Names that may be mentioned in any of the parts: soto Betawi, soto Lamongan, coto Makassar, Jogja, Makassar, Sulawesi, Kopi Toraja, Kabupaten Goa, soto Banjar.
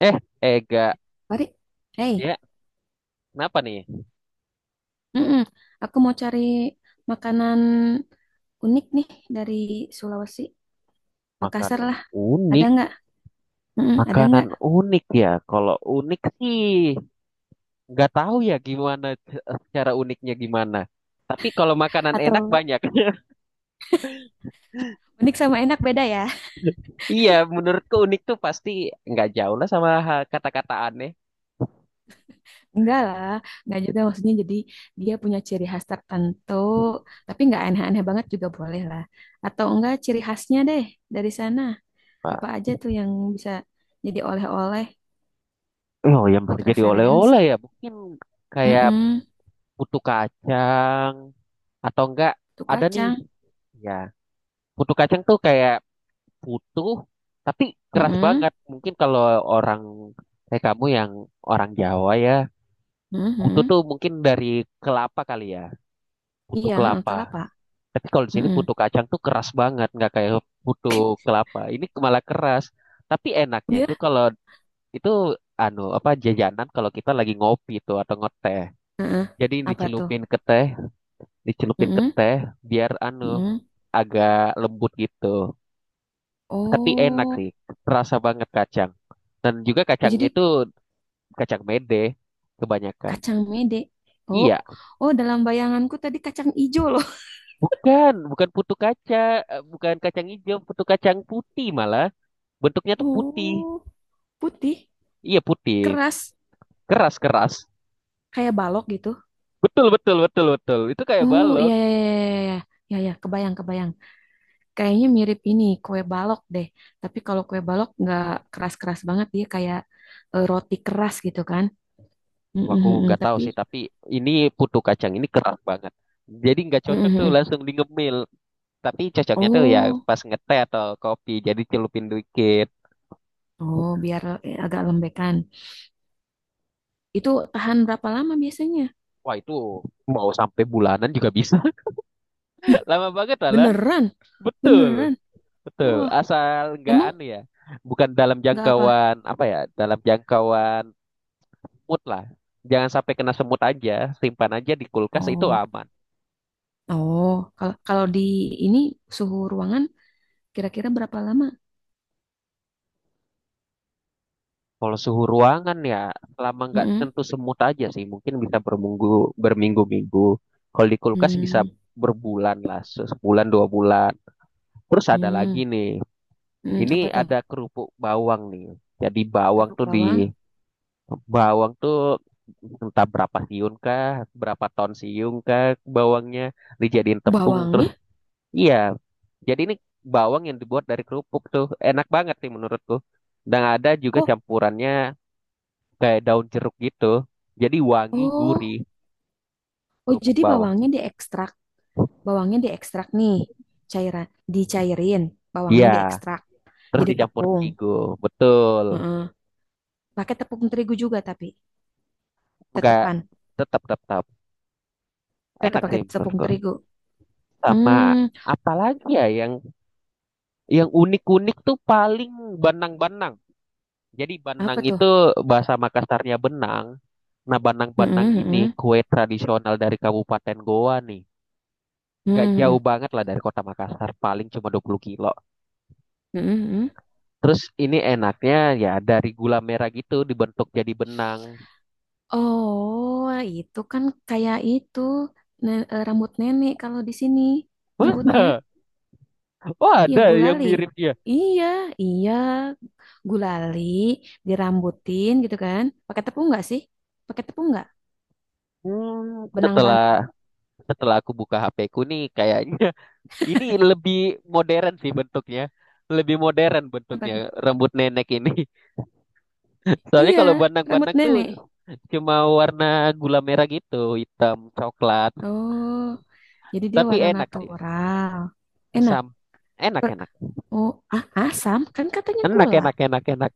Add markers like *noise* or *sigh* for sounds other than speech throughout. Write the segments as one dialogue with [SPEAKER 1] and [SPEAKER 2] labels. [SPEAKER 1] Eh, Ega,
[SPEAKER 2] Mari. Hey,
[SPEAKER 1] ya, kenapa nih?
[SPEAKER 2] mm-mm. Aku mau cari makanan unik nih dari Sulawesi. Makassar
[SPEAKER 1] Makanan
[SPEAKER 2] lah, ada
[SPEAKER 1] unik,
[SPEAKER 2] nggak? Mm-mm, ada
[SPEAKER 1] makanan
[SPEAKER 2] nggak?
[SPEAKER 1] unik ya. Kalau unik sih, nggak tahu ya gimana secara uniknya gimana. Tapi kalau makanan enak
[SPEAKER 2] Atau
[SPEAKER 1] banyak. *laughs*
[SPEAKER 2] unik sama enak beda ya?
[SPEAKER 1] Iya, menurutku unik tuh pasti nggak jauh lah sama kata-kata aneh.
[SPEAKER 2] *laughs* Enggak lah, nggak juga maksudnya jadi dia punya ciri khas tertentu, tapi nggak aneh-aneh banget juga boleh lah. Atau enggak ciri khasnya deh dari sana. Apa
[SPEAKER 1] Pak,
[SPEAKER 2] aja tuh yang bisa jadi oleh-oleh
[SPEAKER 1] oh yang
[SPEAKER 2] buat
[SPEAKER 1] bisa jadi oleh-oleh
[SPEAKER 2] referensi?
[SPEAKER 1] ya, mungkin kayak
[SPEAKER 2] Mm-mm.
[SPEAKER 1] putu kacang atau enggak
[SPEAKER 2] Tuh
[SPEAKER 1] ada nih.
[SPEAKER 2] kacang.
[SPEAKER 1] Ya, putu kacang tuh kayak utuh tapi keras
[SPEAKER 2] Mm-mm.
[SPEAKER 1] banget. Mungkin kalau orang kayak kamu yang orang Jawa ya, putu
[SPEAKER 2] Mhm.
[SPEAKER 1] tuh mungkin dari kelapa kali ya, putu
[SPEAKER 2] Iya, heeh,
[SPEAKER 1] kelapa.
[SPEAKER 2] kelapa.
[SPEAKER 1] Tapi kalau di sini
[SPEAKER 2] Mm-mm.
[SPEAKER 1] putu kacang tuh keras banget, nggak kayak putu kelapa. Ini malah keras. Tapi enaknya itu
[SPEAKER 2] Ya,
[SPEAKER 1] kalau itu anu apa jajanan kalau kita lagi ngopi tuh atau ngeteh.
[SPEAKER 2] heeh.
[SPEAKER 1] Jadi
[SPEAKER 2] Apa tuh?
[SPEAKER 1] dicelupin ke
[SPEAKER 2] Heeh,
[SPEAKER 1] teh biar anu
[SPEAKER 2] heeh.
[SPEAKER 1] agak lembut gitu. Tapi enak
[SPEAKER 2] Oh,
[SPEAKER 1] sih, terasa banget kacang. Dan juga
[SPEAKER 2] oh
[SPEAKER 1] kacangnya
[SPEAKER 2] jadi
[SPEAKER 1] itu kacang mede kebanyakan.
[SPEAKER 2] kacang mede. Oh,
[SPEAKER 1] Iya,
[SPEAKER 2] oh dalam bayanganku tadi kacang ijo loh. *laughs*
[SPEAKER 1] bukan, bukan putu kaca, eh, bukan kacang hijau, putu kacang putih malah. Bentuknya tuh putih.
[SPEAKER 2] Oh, putih,
[SPEAKER 1] Iya putih,
[SPEAKER 2] keras,
[SPEAKER 1] keras-keras.
[SPEAKER 2] kayak balok gitu.
[SPEAKER 1] Betul, betul, betul, betul. Itu kayak
[SPEAKER 2] Oh,
[SPEAKER 1] balok.
[SPEAKER 2] iya iya iya iya iya. Ya ya, kebayang kebayang. Kayaknya mirip ini kue balok deh. Tapi kalau kue balok nggak keras-keras banget dia kayak roti keras gitu kan. Mm,
[SPEAKER 1] Wah,
[SPEAKER 2] mm,
[SPEAKER 1] aku
[SPEAKER 2] mm, mm.
[SPEAKER 1] nggak tahu
[SPEAKER 2] Tapi
[SPEAKER 1] sih, tapi ini putu kacang ini keras banget. Jadi nggak
[SPEAKER 2] mm,
[SPEAKER 1] cocok
[SPEAKER 2] mm,
[SPEAKER 1] tuh
[SPEAKER 2] mm.
[SPEAKER 1] langsung di ngemil. Tapi cocoknya tuh ya
[SPEAKER 2] Oh,
[SPEAKER 1] pas ngeteh atau kopi, jadi celupin dikit.
[SPEAKER 2] oh biar agak lembekan. Itu tahan berapa lama biasanya?
[SPEAKER 1] Wah itu mau sampai bulanan juga bisa.
[SPEAKER 2] Ih,
[SPEAKER 1] Lama banget lah.
[SPEAKER 2] beneran,
[SPEAKER 1] Betul,
[SPEAKER 2] beneran.
[SPEAKER 1] betul.
[SPEAKER 2] Wah,
[SPEAKER 1] Asal nggak
[SPEAKER 2] emang
[SPEAKER 1] aneh ya. Bukan dalam
[SPEAKER 2] nggak apa?
[SPEAKER 1] jangkauan apa ya? Dalam jangkauan mood lah. Jangan sampai kena semut aja. Simpan aja di kulkas itu
[SPEAKER 2] Oh,
[SPEAKER 1] aman.
[SPEAKER 2] oh, kalau kalau di ini suhu ruangan kira-kira berapa lama?
[SPEAKER 1] Kalau suhu ruangan ya, selama nggak
[SPEAKER 2] Mm-mm.
[SPEAKER 1] tentu semut aja sih. Mungkin bisa berminggu, berminggu-minggu. Kalau di kulkas bisa
[SPEAKER 2] Hmm,
[SPEAKER 1] berbulan lah, sebulan dua bulan. Terus ada
[SPEAKER 2] hmm,
[SPEAKER 1] lagi nih.
[SPEAKER 2] hmm,
[SPEAKER 1] Ini
[SPEAKER 2] apa tuh?
[SPEAKER 1] ada kerupuk bawang nih. Jadi bawang
[SPEAKER 2] Kerupuk
[SPEAKER 1] tuh
[SPEAKER 2] bawang,
[SPEAKER 1] di bawang tuh entah berapa siung kah, berapa ton siung kah bawangnya dijadiin tepung terus
[SPEAKER 2] bawangnya?
[SPEAKER 1] iya. Jadi ini bawang yang dibuat dari kerupuk tuh enak banget sih menurutku. Dan ada juga
[SPEAKER 2] Oh,
[SPEAKER 1] campurannya kayak daun jeruk gitu. Jadi wangi gurih
[SPEAKER 2] oh, oh,
[SPEAKER 1] kerupuk
[SPEAKER 2] jadi
[SPEAKER 1] bawang.
[SPEAKER 2] bawangnya diekstrak nih, cairan, dicairin, bawangnya
[SPEAKER 1] Iya,
[SPEAKER 2] diekstrak,
[SPEAKER 1] terus
[SPEAKER 2] jadi
[SPEAKER 1] dicampur
[SPEAKER 2] tepung.
[SPEAKER 1] terigu. Betul.
[SPEAKER 2] Mm. Pakai tepung terigu juga tapi
[SPEAKER 1] Enggak,
[SPEAKER 2] tetepan,
[SPEAKER 1] tetap tetap tetap.
[SPEAKER 2] tetap
[SPEAKER 1] Enak sih
[SPEAKER 2] pakai tepung
[SPEAKER 1] menurutku.
[SPEAKER 2] terigu. Hmm,
[SPEAKER 1] Sama apalagi ya yang unik-unik tuh paling banang-banang. Jadi
[SPEAKER 2] apa
[SPEAKER 1] Banang
[SPEAKER 2] tuh?
[SPEAKER 1] itu bahasa Makassarnya benang. Nah, Banang-Banang
[SPEAKER 2] Mm-mm,
[SPEAKER 1] ini
[SPEAKER 2] mm-mm,
[SPEAKER 1] kue tradisional dari Kabupaten Goa nih. Nggak
[SPEAKER 2] mm-mm,
[SPEAKER 1] jauh banget lah dari kota Makassar, paling cuma 20 kilo.
[SPEAKER 2] mm-mm, mm-mm.
[SPEAKER 1] Terus ini enaknya ya dari gula merah gitu dibentuk jadi benang.
[SPEAKER 2] Oh, itu kan kayak itu rambut nenek kalau di sini
[SPEAKER 1] *laughs*
[SPEAKER 2] nyebutnya.
[SPEAKER 1] Masa? Oh
[SPEAKER 2] Iya,
[SPEAKER 1] ada yang
[SPEAKER 2] gulali.
[SPEAKER 1] mirip ya?
[SPEAKER 2] Iya, iya, gulali dirambutin gitu kan. Pakai tepung nggak sih? Pakai tepung nggak?
[SPEAKER 1] Setelah
[SPEAKER 2] Benang-benang.
[SPEAKER 1] setelah aku buka HP ku nih kayaknya *laughs* ini lebih modern sih bentuknya. Lebih modern
[SPEAKER 2] Apa
[SPEAKER 1] bentuknya
[SPEAKER 2] tuh?
[SPEAKER 1] rambut nenek ini. *laughs* Soalnya kalau
[SPEAKER 2] Iya, rambut
[SPEAKER 1] bandang-bandang tuh
[SPEAKER 2] nenek.
[SPEAKER 1] cuma warna gula merah gitu, hitam, coklat.
[SPEAKER 2] Oh, jadi dia
[SPEAKER 1] Tapi
[SPEAKER 2] warna
[SPEAKER 1] enak sih.
[SPEAKER 2] natural. Enak.
[SPEAKER 1] Sam. Enak,
[SPEAKER 2] Per-
[SPEAKER 1] enak.
[SPEAKER 2] oh, ah, asam kan katanya
[SPEAKER 1] Enak,
[SPEAKER 2] gula.
[SPEAKER 1] enak, enak, enak.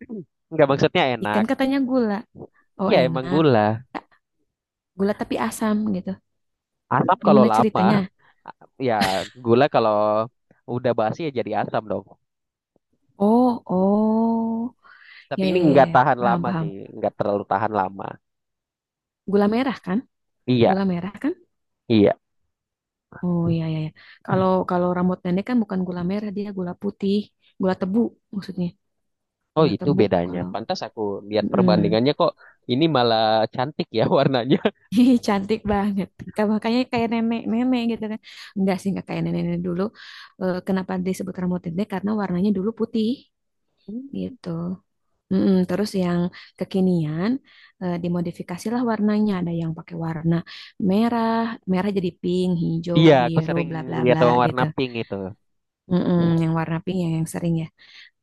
[SPEAKER 1] *clears throat* Enggak, maksudnya enak.
[SPEAKER 2] Ikan katanya gula. Oh
[SPEAKER 1] Ya emang
[SPEAKER 2] enak.
[SPEAKER 1] gula.
[SPEAKER 2] Tak, gula tapi asam gitu.
[SPEAKER 1] Asam kalau
[SPEAKER 2] Gimana
[SPEAKER 1] lama.
[SPEAKER 2] ceritanya?
[SPEAKER 1] Ya gula kalau udah basi ya jadi asam dong.
[SPEAKER 2] Oh, oh.
[SPEAKER 1] Tapi
[SPEAKER 2] Ya, ya,
[SPEAKER 1] ini nggak
[SPEAKER 2] ya, ya.
[SPEAKER 1] tahan
[SPEAKER 2] Paham,
[SPEAKER 1] lama
[SPEAKER 2] paham.
[SPEAKER 1] sih. Nggak terlalu tahan lama.
[SPEAKER 2] Gula merah kan?
[SPEAKER 1] Iya,
[SPEAKER 2] Gula merah kan?
[SPEAKER 1] iya.
[SPEAKER 2] Oh, ya, ya, ya. Kalau kalau rambut nenek kan bukan gula merah, dia gula putih, gula tebu maksudnya.
[SPEAKER 1] Oh
[SPEAKER 2] Gula
[SPEAKER 1] itu
[SPEAKER 2] tebu
[SPEAKER 1] bedanya.
[SPEAKER 2] kalau
[SPEAKER 1] Pantas aku lihat
[SPEAKER 2] mm.
[SPEAKER 1] perbandingannya kok ini malah cantik ya warnanya.
[SPEAKER 2] *laughs* Ih, cantik banget. Ka- makanya kayak nenek-nenek gitu kan. Enggak sih, enggak kayak nenek-nenek dulu. Eh, kenapa disebut rambut nenek? Karena warnanya dulu putih
[SPEAKER 1] *laughs*
[SPEAKER 2] gitu. Mm-mm, terus yang kekinian dimodifikasilah warnanya. Ada yang pakai warna merah, merah jadi pink, hijau,
[SPEAKER 1] Iya, aku
[SPEAKER 2] biru,
[SPEAKER 1] sering
[SPEAKER 2] bla bla
[SPEAKER 1] lihat
[SPEAKER 2] bla
[SPEAKER 1] warna
[SPEAKER 2] gitu.
[SPEAKER 1] pink itu.
[SPEAKER 2] Mm-mm, yang warna pink yang sering ya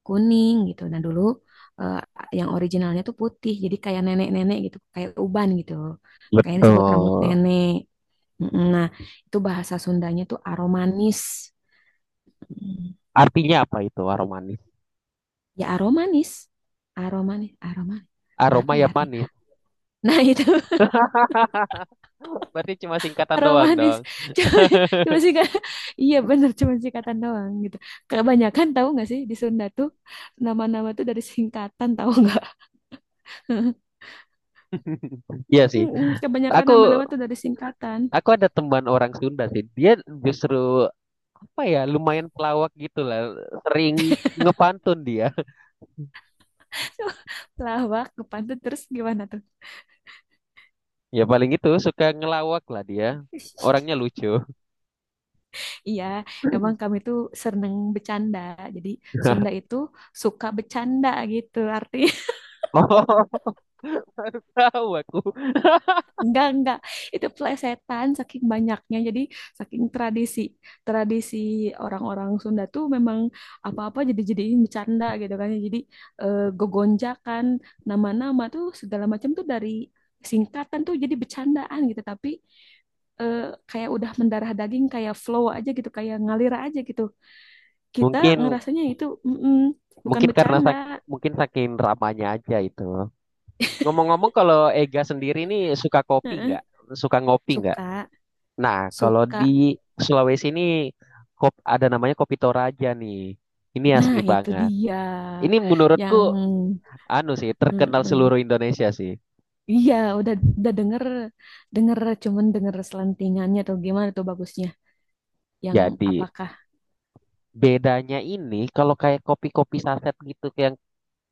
[SPEAKER 2] kuning gitu. Nah dulu eh, yang originalnya tuh putih, jadi kayak nenek-nenek gitu, kayak uban gitu. Makanya disebut rambut
[SPEAKER 1] Betul.
[SPEAKER 2] nenek. Mm-mm, nah itu bahasa Sundanya tuh aromanis. Mm,
[SPEAKER 1] Artinya apa itu aroma manis?
[SPEAKER 2] ya aromanis, aromanis, aromanis apa
[SPEAKER 1] Aroma
[SPEAKER 2] ya
[SPEAKER 1] yang
[SPEAKER 2] artinya?
[SPEAKER 1] manis.
[SPEAKER 2] Nah *laughs* itu
[SPEAKER 1] Berarti cuma singkatan doang
[SPEAKER 2] aromatis
[SPEAKER 1] dong.
[SPEAKER 2] *laughs* cuma, cuma sih kak iya bener cuma singkatan doang gitu kebanyakan tahu nggak sih di Sunda tuh nama-nama tuh dari singkatan tahu nggak. *laughs*
[SPEAKER 1] Iya sih.
[SPEAKER 2] Mm-mm, kebanyakan
[SPEAKER 1] Aku
[SPEAKER 2] nama-nama tuh dari singkatan.
[SPEAKER 1] aku ada teman orang Sunda sih. Dia justru apa ya lumayan pelawak gitu lah. Sering ngepantun dia. *laughs*
[SPEAKER 2] *laughs* Lawak kepantun terus gimana tuh?
[SPEAKER 1] Ya paling itu suka ngelawak lah dia. Orangnya
[SPEAKER 2] *laughs*
[SPEAKER 1] lucu.
[SPEAKER 2] Iya, emang kami tuh seneng bercanda, jadi Sunda
[SPEAKER 1] *laughs*
[SPEAKER 2] itu suka bercanda gitu arti.
[SPEAKER 1] Oh, baru tahu aku. *laughs*
[SPEAKER 2] Enggak, enggak. Itu plesetan saking banyaknya. Jadi saking tradisi. Tradisi orang-orang Sunda tuh memang apa-apa jadi-jadiin bercanda gitu kan. Jadi gogonjakan nama-nama tuh segala macam tuh dari singkatan tuh jadi bercandaan gitu. Tapi eh, kayak udah mendarah daging kayak flow aja gitu, kayak ngalir aja gitu. Kita
[SPEAKER 1] Mungkin
[SPEAKER 2] ngerasanya itu mm-mm, bukan
[SPEAKER 1] mungkin karena
[SPEAKER 2] bercanda.
[SPEAKER 1] mungkin saking ramanya aja itu. Ngomong-ngomong kalau Ega sendiri nih suka kopi
[SPEAKER 2] Heeh.
[SPEAKER 1] nggak? Suka ngopi nggak?
[SPEAKER 2] Suka,
[SPEAKER 1] Nah, kalau
[SPEAKER 2] suka.
[SPEAKER 1] di Sulawesi ini ada namanya Kopi Toraja nih. Ini
[SPEAKER 2] Nah,
[SPEAKER 1] asli
[SPEAKER 2] itu
[SPEAKER 1] banget.
[SPEAKER 2] dia
[SPEAKER 1] Ini menurutku
[SPEAKER 2] yang
[SPEAKER 1] anu sih terkenal
[SPEAKER 2] mm-mm.
[SPEAKER 1] seluruh Indonesia sih.
[SPEAKER 2] Iya, udah udah denger denger cuman denger selentingannya atau gimana tuh bagusnya? Yang
[SPEAKER 1] Jadi
[SPEAKER 2] apakah?
[SPEAKER 1] bedanya ini kalau kayak kopi-kopi saset gitu kayak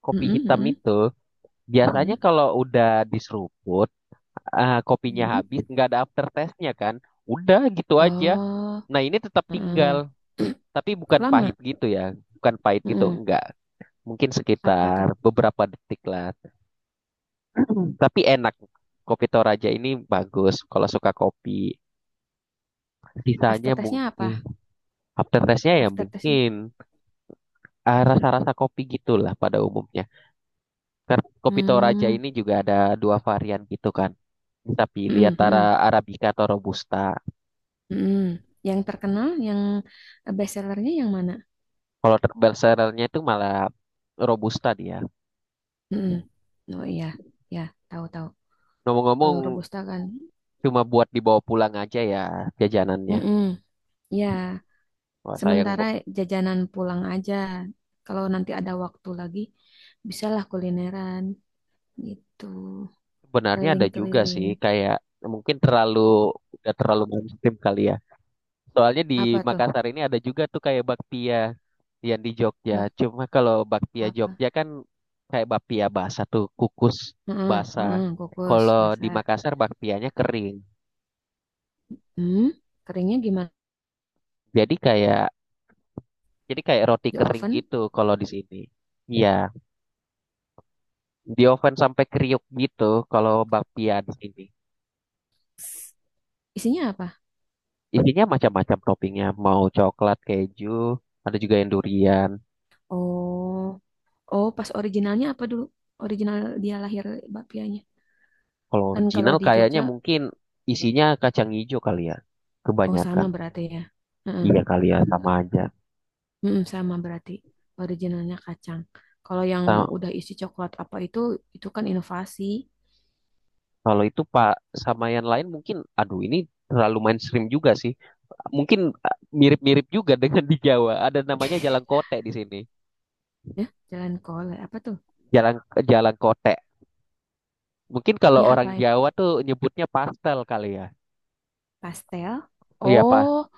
[SPEAKER 1] kopi
[SPEAKER 2] Mm-mm,
[SPEAKER 1] hitam
[SPEAKER 2] mm-mm,
[SPEAKER 1] itu biasanya
[SPEAKER 2] mm-mm,
[SPEAKER 1] kalau udah diseruput kopinya
[SPEAKER 2] mm-mm.
[SPEAKER 1] habis nggak ada aftertaste-nya kan. Udah gitu aja.
[SPEAKER 2] Oh,
[SPEAKER 1] Nah, ini tetap
[SPEAKER 2] heeh.
[SPEAKER 1] tinggal,
[SPEAKER 2] *clears throat*
[SPEAKER 1] tapi bukan pahit
[SPEAKER 2] Lama.
[SPEAKER 1] gitu ya. Bukan pahit gitu,
[SPEAKER 2] Mm-mm.
[SPEAKER 1] enggak. Mungkin
[SPEAKER 2] Apa tuh?
[SPEAKER 1] sekitar beberapa detik lah. *clears throat* Tapi enak. Kopi Toraja ini bagus kalau suka kopi.
[SPEAKER 2] After
[SPEAKER 1] Sisanya
[SPEAKER 2] testnya apa?
[SPEAKER 1] mungkin after taste-nya ya
[SPEAKER 2] After testnya?
[SPEAKER 1] mungkin ah, rasa-rasa kopi gitulah pada umumnya. Karena kopi Toraja
[SPEAKER 2] Hmm,
[SPEAKER 1] ini juga ada dua varian gitu kan. Bisa pilih
[SPEAKER 2] mm-mm,
[SPEAKER 1] antara
[SPEAKER 2] mm-mm,
[SPEAKER 1] Arabica atau Robusta.
[SPEAKER 2] mm-mm. Yang terkenal, yang best sellernya yang mana?
[SPEAKER 1] Kalau bestsellernya itu malah Robusta dia.
[SPEAKER 2] Mm-mm. Oh iya, ya tahu tahu. Kalau
[SPEAKER 1] Ngomong-ngomong
[SPEAKER 2] Robusta kan,
[SPEAKER 1] cuma buat dibawa pulang aja ya jajanannya.
[SPEAKER 2] mm ya
[SPEAKER 1] Wah sayang Bo.
[SPEAKER 2] sementara jajanan pulang aja. Kalau nanti ada waktu lagi, bisalah kulineran gitu.
[SPEAKER 1] Sebenarnya ada juga sih
[SPEAKER 2] Keliling-keliling.
[SPEAKER 1] kayak mungkin terlalu udah terlalu mainstream kali ya. Soalnya di
[SPEAKER 2] Apa tuh?
[SPEAKER 1] Makassar ini ada juga tuh kayak bakpia yang di Jogja.
[SPEAKER 2] Bak
[SPEAKER 1] Cuma kalau bakpia
[SPEAKER 2] apa?
[SPEAKER 1] Jogja kan kayak bakpia basah tuh, kukus
[SPEAKER 2] Heeh,
[SPEAKER 1] basah.
[SPEAKER 2] heeh, kukus
[SPEAKER 1] Kalau di
[SPEAKER 2] basah.
[SPEAKER 1] Makassar bakpianya kering.
[SPEAKER 2] Hmm, keringnya gimana?
[SPEAKER 1] Jadi kayak jadi kayak roti
[SPEAKER 2] Di
[SPEAKER 1] kering
[SPEAKER 2] oven?
[SPEAKER 1] gitu kalau di sini. Iya, di oven sampai kriuk gitu kalau bakpia di sini.
[SPEAKER 2] S- isinya apa?
[SPEAKER 1] Isinya macam-macam toppingnya, mau coklat, keju, ada juga yang durian.
[SPEAKER 2] Oh, oh pas originalnya apa dulu? Original dia lahir bakpianya.
[SPEAKER 1] Kalau
[SPEAKER 2] Kan kalau
[SPEAKER 1] original
[SPEAKER 2] di
[SPEAKER 1] kayaknya
[SPEAKER 2] Jogja,
[SPEAKER 1] mungkin isinya kacang hijau kali ya,
[SPEAKER 2] oh sama
[SPEAKER 1] kebanyakan.
[SPEAKER 2] berarti ya. Heeh.
[SPEAKER 1] Iya kali ya sama aja.
[SPEAKER 2] Mm, sama berarti originalnya kacang. Kalau yang
[SPEAKER 1] Ta-
[SPEAKER 2] udah isi coklat apa itu kan inovasi.
[SPEAKER 1] kalau itu Pak sama yang lain mungkin aduh ini terlalu mainstream juga sih. Mungkin mirip-mirip juga *laughs* dengan di Jawa. Ada namanya Jalan Kote di sini.
[SPEAKER 2] Ya, jalan kol apa tuh?
[SPEAKER 1] Jalan Jalan Kote. Mungkin kalau
[SPEAKER 2] Ya
[SPEAKER 1] orang
[SPEAKER 2] apa? Ya?
[SPEAKER 1] Jawa tuh nyebutnya pastel kali ya.
[SPEAKER 2] Pastel.
[SPEAKER 1] Iya Pak.
[SPEAKER 2] Oh,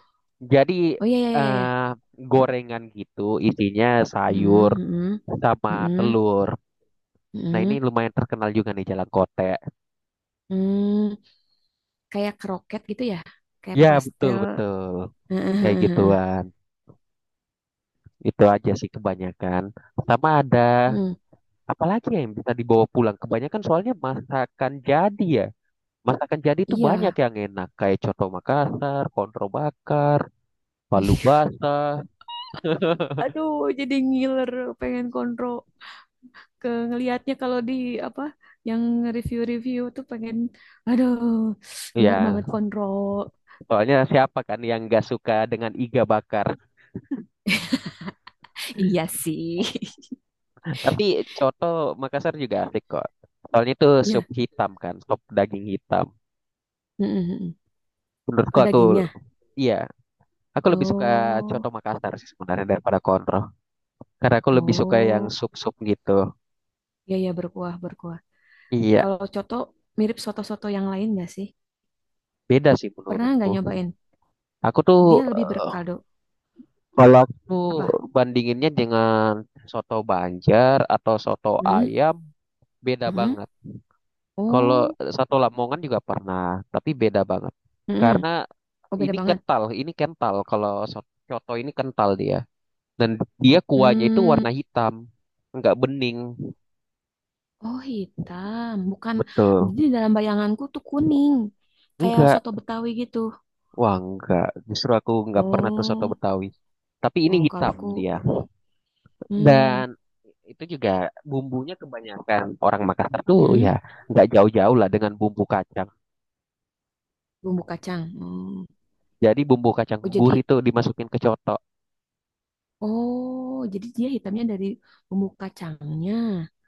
[SPEAKER 1] Jadi
[SPEAKER 2] oh iya iya iya iya.
[SPEAKER 1] eh gorengan gitu isinya sayur
[SPEAKER 2] Mm, mm,
[SPEAKER 1] sama
[SPEAKER 2] mm,
[SPEAKER 1] telur. Nah ini
[SPEAKER 2] mm,
[SPEAKER 1] lumayan terkenal juga nih Jalan Kote.
[SPEAKER 2] mm. Kayak kroket gitu ya? Kayak
[SPEAKER 1] Ya betul
[SPEAKER 2] pastel.
[SPEAKER 1] betul. Kayak gituan.
[SPEAKER 2] *laughs*
[SPEAKER 1] Itu aja sih kebanyakan. Sama ada
[SPEAKER 2] Mm,
[SPEAKER 1] apa lagi ya yang bisa dibawa pulang? Kebanyakan soalnya masakan jadi ya. Masakan jadi itu banyak
[SPEAKER 2] iya.
[SPEAKER 1] yang enak kayak coto Makassar, kontro bakar, palu
[SPEAKER 2] *laughs*
[SPEAKER 1] basah.
[SPEAKER 2] Aduh, jadi ngiler, pengen kontrol. Ke ngelihatnya kalau di apa yang review-review tuh pengen aduh gilar
[SPEAKER 1] Ya,
[SPEAKER 2] banget kontrol
[SPEAKER 1] soalnya siapa kan yang nggak suka dengan iga bakar?
[SPEAKER 2] iya sih.
[SPEAKER 1] *laughs* Tapi coto Makassar juga asik kok. Soalnya itu
[SPEAKER 2] *laughs*
[SPEAKER 1] sup
[SPEAKER 2] Iya.
[SPEAKER 1] hitam kan, sup daging hitam.
[SPEAKER 2] Mm-mm.
[SPEAKER 1] Menurutku aku
[SPEAKER 2] Dagingnya
[SPEAKER 1] iya, aku lebih suka coto
[SPEAKER 2] oh
[SPEAKER 1] Makassar sih sebenarnya daripada kontro. Karena aku lebih suka yang
[SPEAKER 2] oh
[SPEAKER 1] sup-sup gitu.
[SPEAKER 2] iya ya berkuah berkuah
[SPEAKER 1] Iya,
[SPEAKER 2] kalau coto mirip soto-soto yang lain nggak sih
[SPEAKER 1] beda sih
[SPEAKER 2] pernah
[SPEAKER 1] menurutku.
[SPEAKER 2] nggak nyobain
[SPEAKER 1] Aku tuh
[SPEAKER 2] dia lebih
[SPEAKER 1] eh,
[SPEAKER 2] berkaldu
[SPEAKER 1] kalau aku tuh
[SPEAKER 2] apa
[SPEAKER 1] bandinginnya dengan soto Banjar atau soto
[SPEAKER 2] hmm
[SPEAKER 1] ayam beda
[SPEAKER 2] hmm
[SPEAKER 1] banget. Kalau
[SPEAKER 2] oh
[SPEAKER 1] soto Lamongan juga pernah, tapi beda banget.
[SPEAKER 2] hmm
[SPEAKER 1] Karena
[SPEAKER 2] oh beda banget
[SPEAKER 1] ini kental kalau soto ini kental dia. Dan dia kuahnya itu warna
[SPEAKER 2] hmm
[SPEAKER 1] hitam, nggak bening.
[SPEAKER 2] oh hitam bukan
[SPEAKER 1] Betul.
[SPEAKER 2] jadi dalam bayanganku tuh kuning kayak
[SPEAKER 1] Enggak.
[SPEAKER 2] soto Betawi gitu.
[SPEAKER 1] Wah, enggak. Justru aku nggak pernah tuh soto
[SPEAKER 2] Oh,
[SPEAKER 1] Betawi. Tapi ini
[SPEAKER 2] oh kalau
[SPEAKER 1] hitam
[SPEAKER 2] aku
[SPEAKER 1] dia.
[SPEAKER 2] pernah. Hmm,
[SPEAKER 1] Dan itu juga bumbunya kebanyakan orang Makassar tuh ya
[SPEAKER 2] mm-mm.
[SPEAKER 1] nggak jauh-jauh lah dengan bumbu kacang.
[SPEAKER 2] Bumbu kacang. Hmm.
[SPEAKER 1] Jadi bumbu kacang
[SPEAKER 2] Oh jadi,
[SPEAKER 1] gurih itu dimasukin ke coto.
[SPEAKER 2] oh jadi dia hitamnya dari bumbu kacangnya.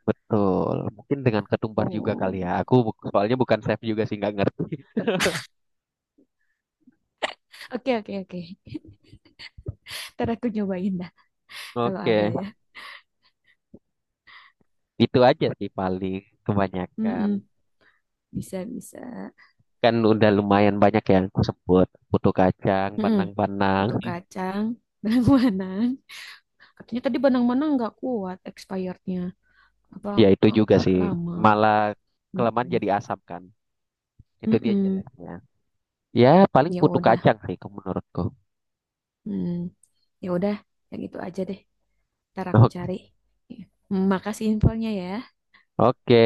[SPEAKER 1] Betul. Mungkin dengan ketumbar juga
[SPEAKER 2] Oh,
[SPEAKER 1] kali ya. Aku soalnya bukan chef juga sih nggak ngerti.
[SPEAKER 2] oke oke oke. Ntar aku nyobain dah kalau ada
[SPEAKER 1] Oke,
[SPEAKER 2] ya.
[SPEAKER 1] itu aja sih paling kebanyakan.
[SPEAKER 2] Mm-mm. Bisa bisa.
[SPEAKER 1] Kan udah lumayan banyak yang aku sebut. Putu kacang,
[SPEAKER 2] Mm-mm.
[SPEAKER 1] pandang-pandang.
[SPEAKER 2] Butuh kacang, *laughs* benang-benang. Katanya tadi benang-benang nggak kuat expirednya. Apa
[SPEAKER 1] Ya itu juga
[SPEAKER 2] nggak
[SPEAKER 1] sih.
[SPEAKER 2] lama?
[SPEAKER 1] Malah kelamaan
[SPEAKER 2] Mm-mm.
[SPEAKER 1] jadi asam kan. Itu dia
[SPEAKER 2] Mm-mm.
[SPEAKER 1] jeleknya. Ya paling
[SPEAKER 2] Ya
[SPEAKER 1] putu
[SPEAKER 2] udah.
[SPEAKER 1] kacang sih menurutku.
[SPEAKER 2] Hmm. Ya udah, yang itu aja deh. Ntar aku cari. Makasih infonya ya.
[SPEAKER 1] Oke,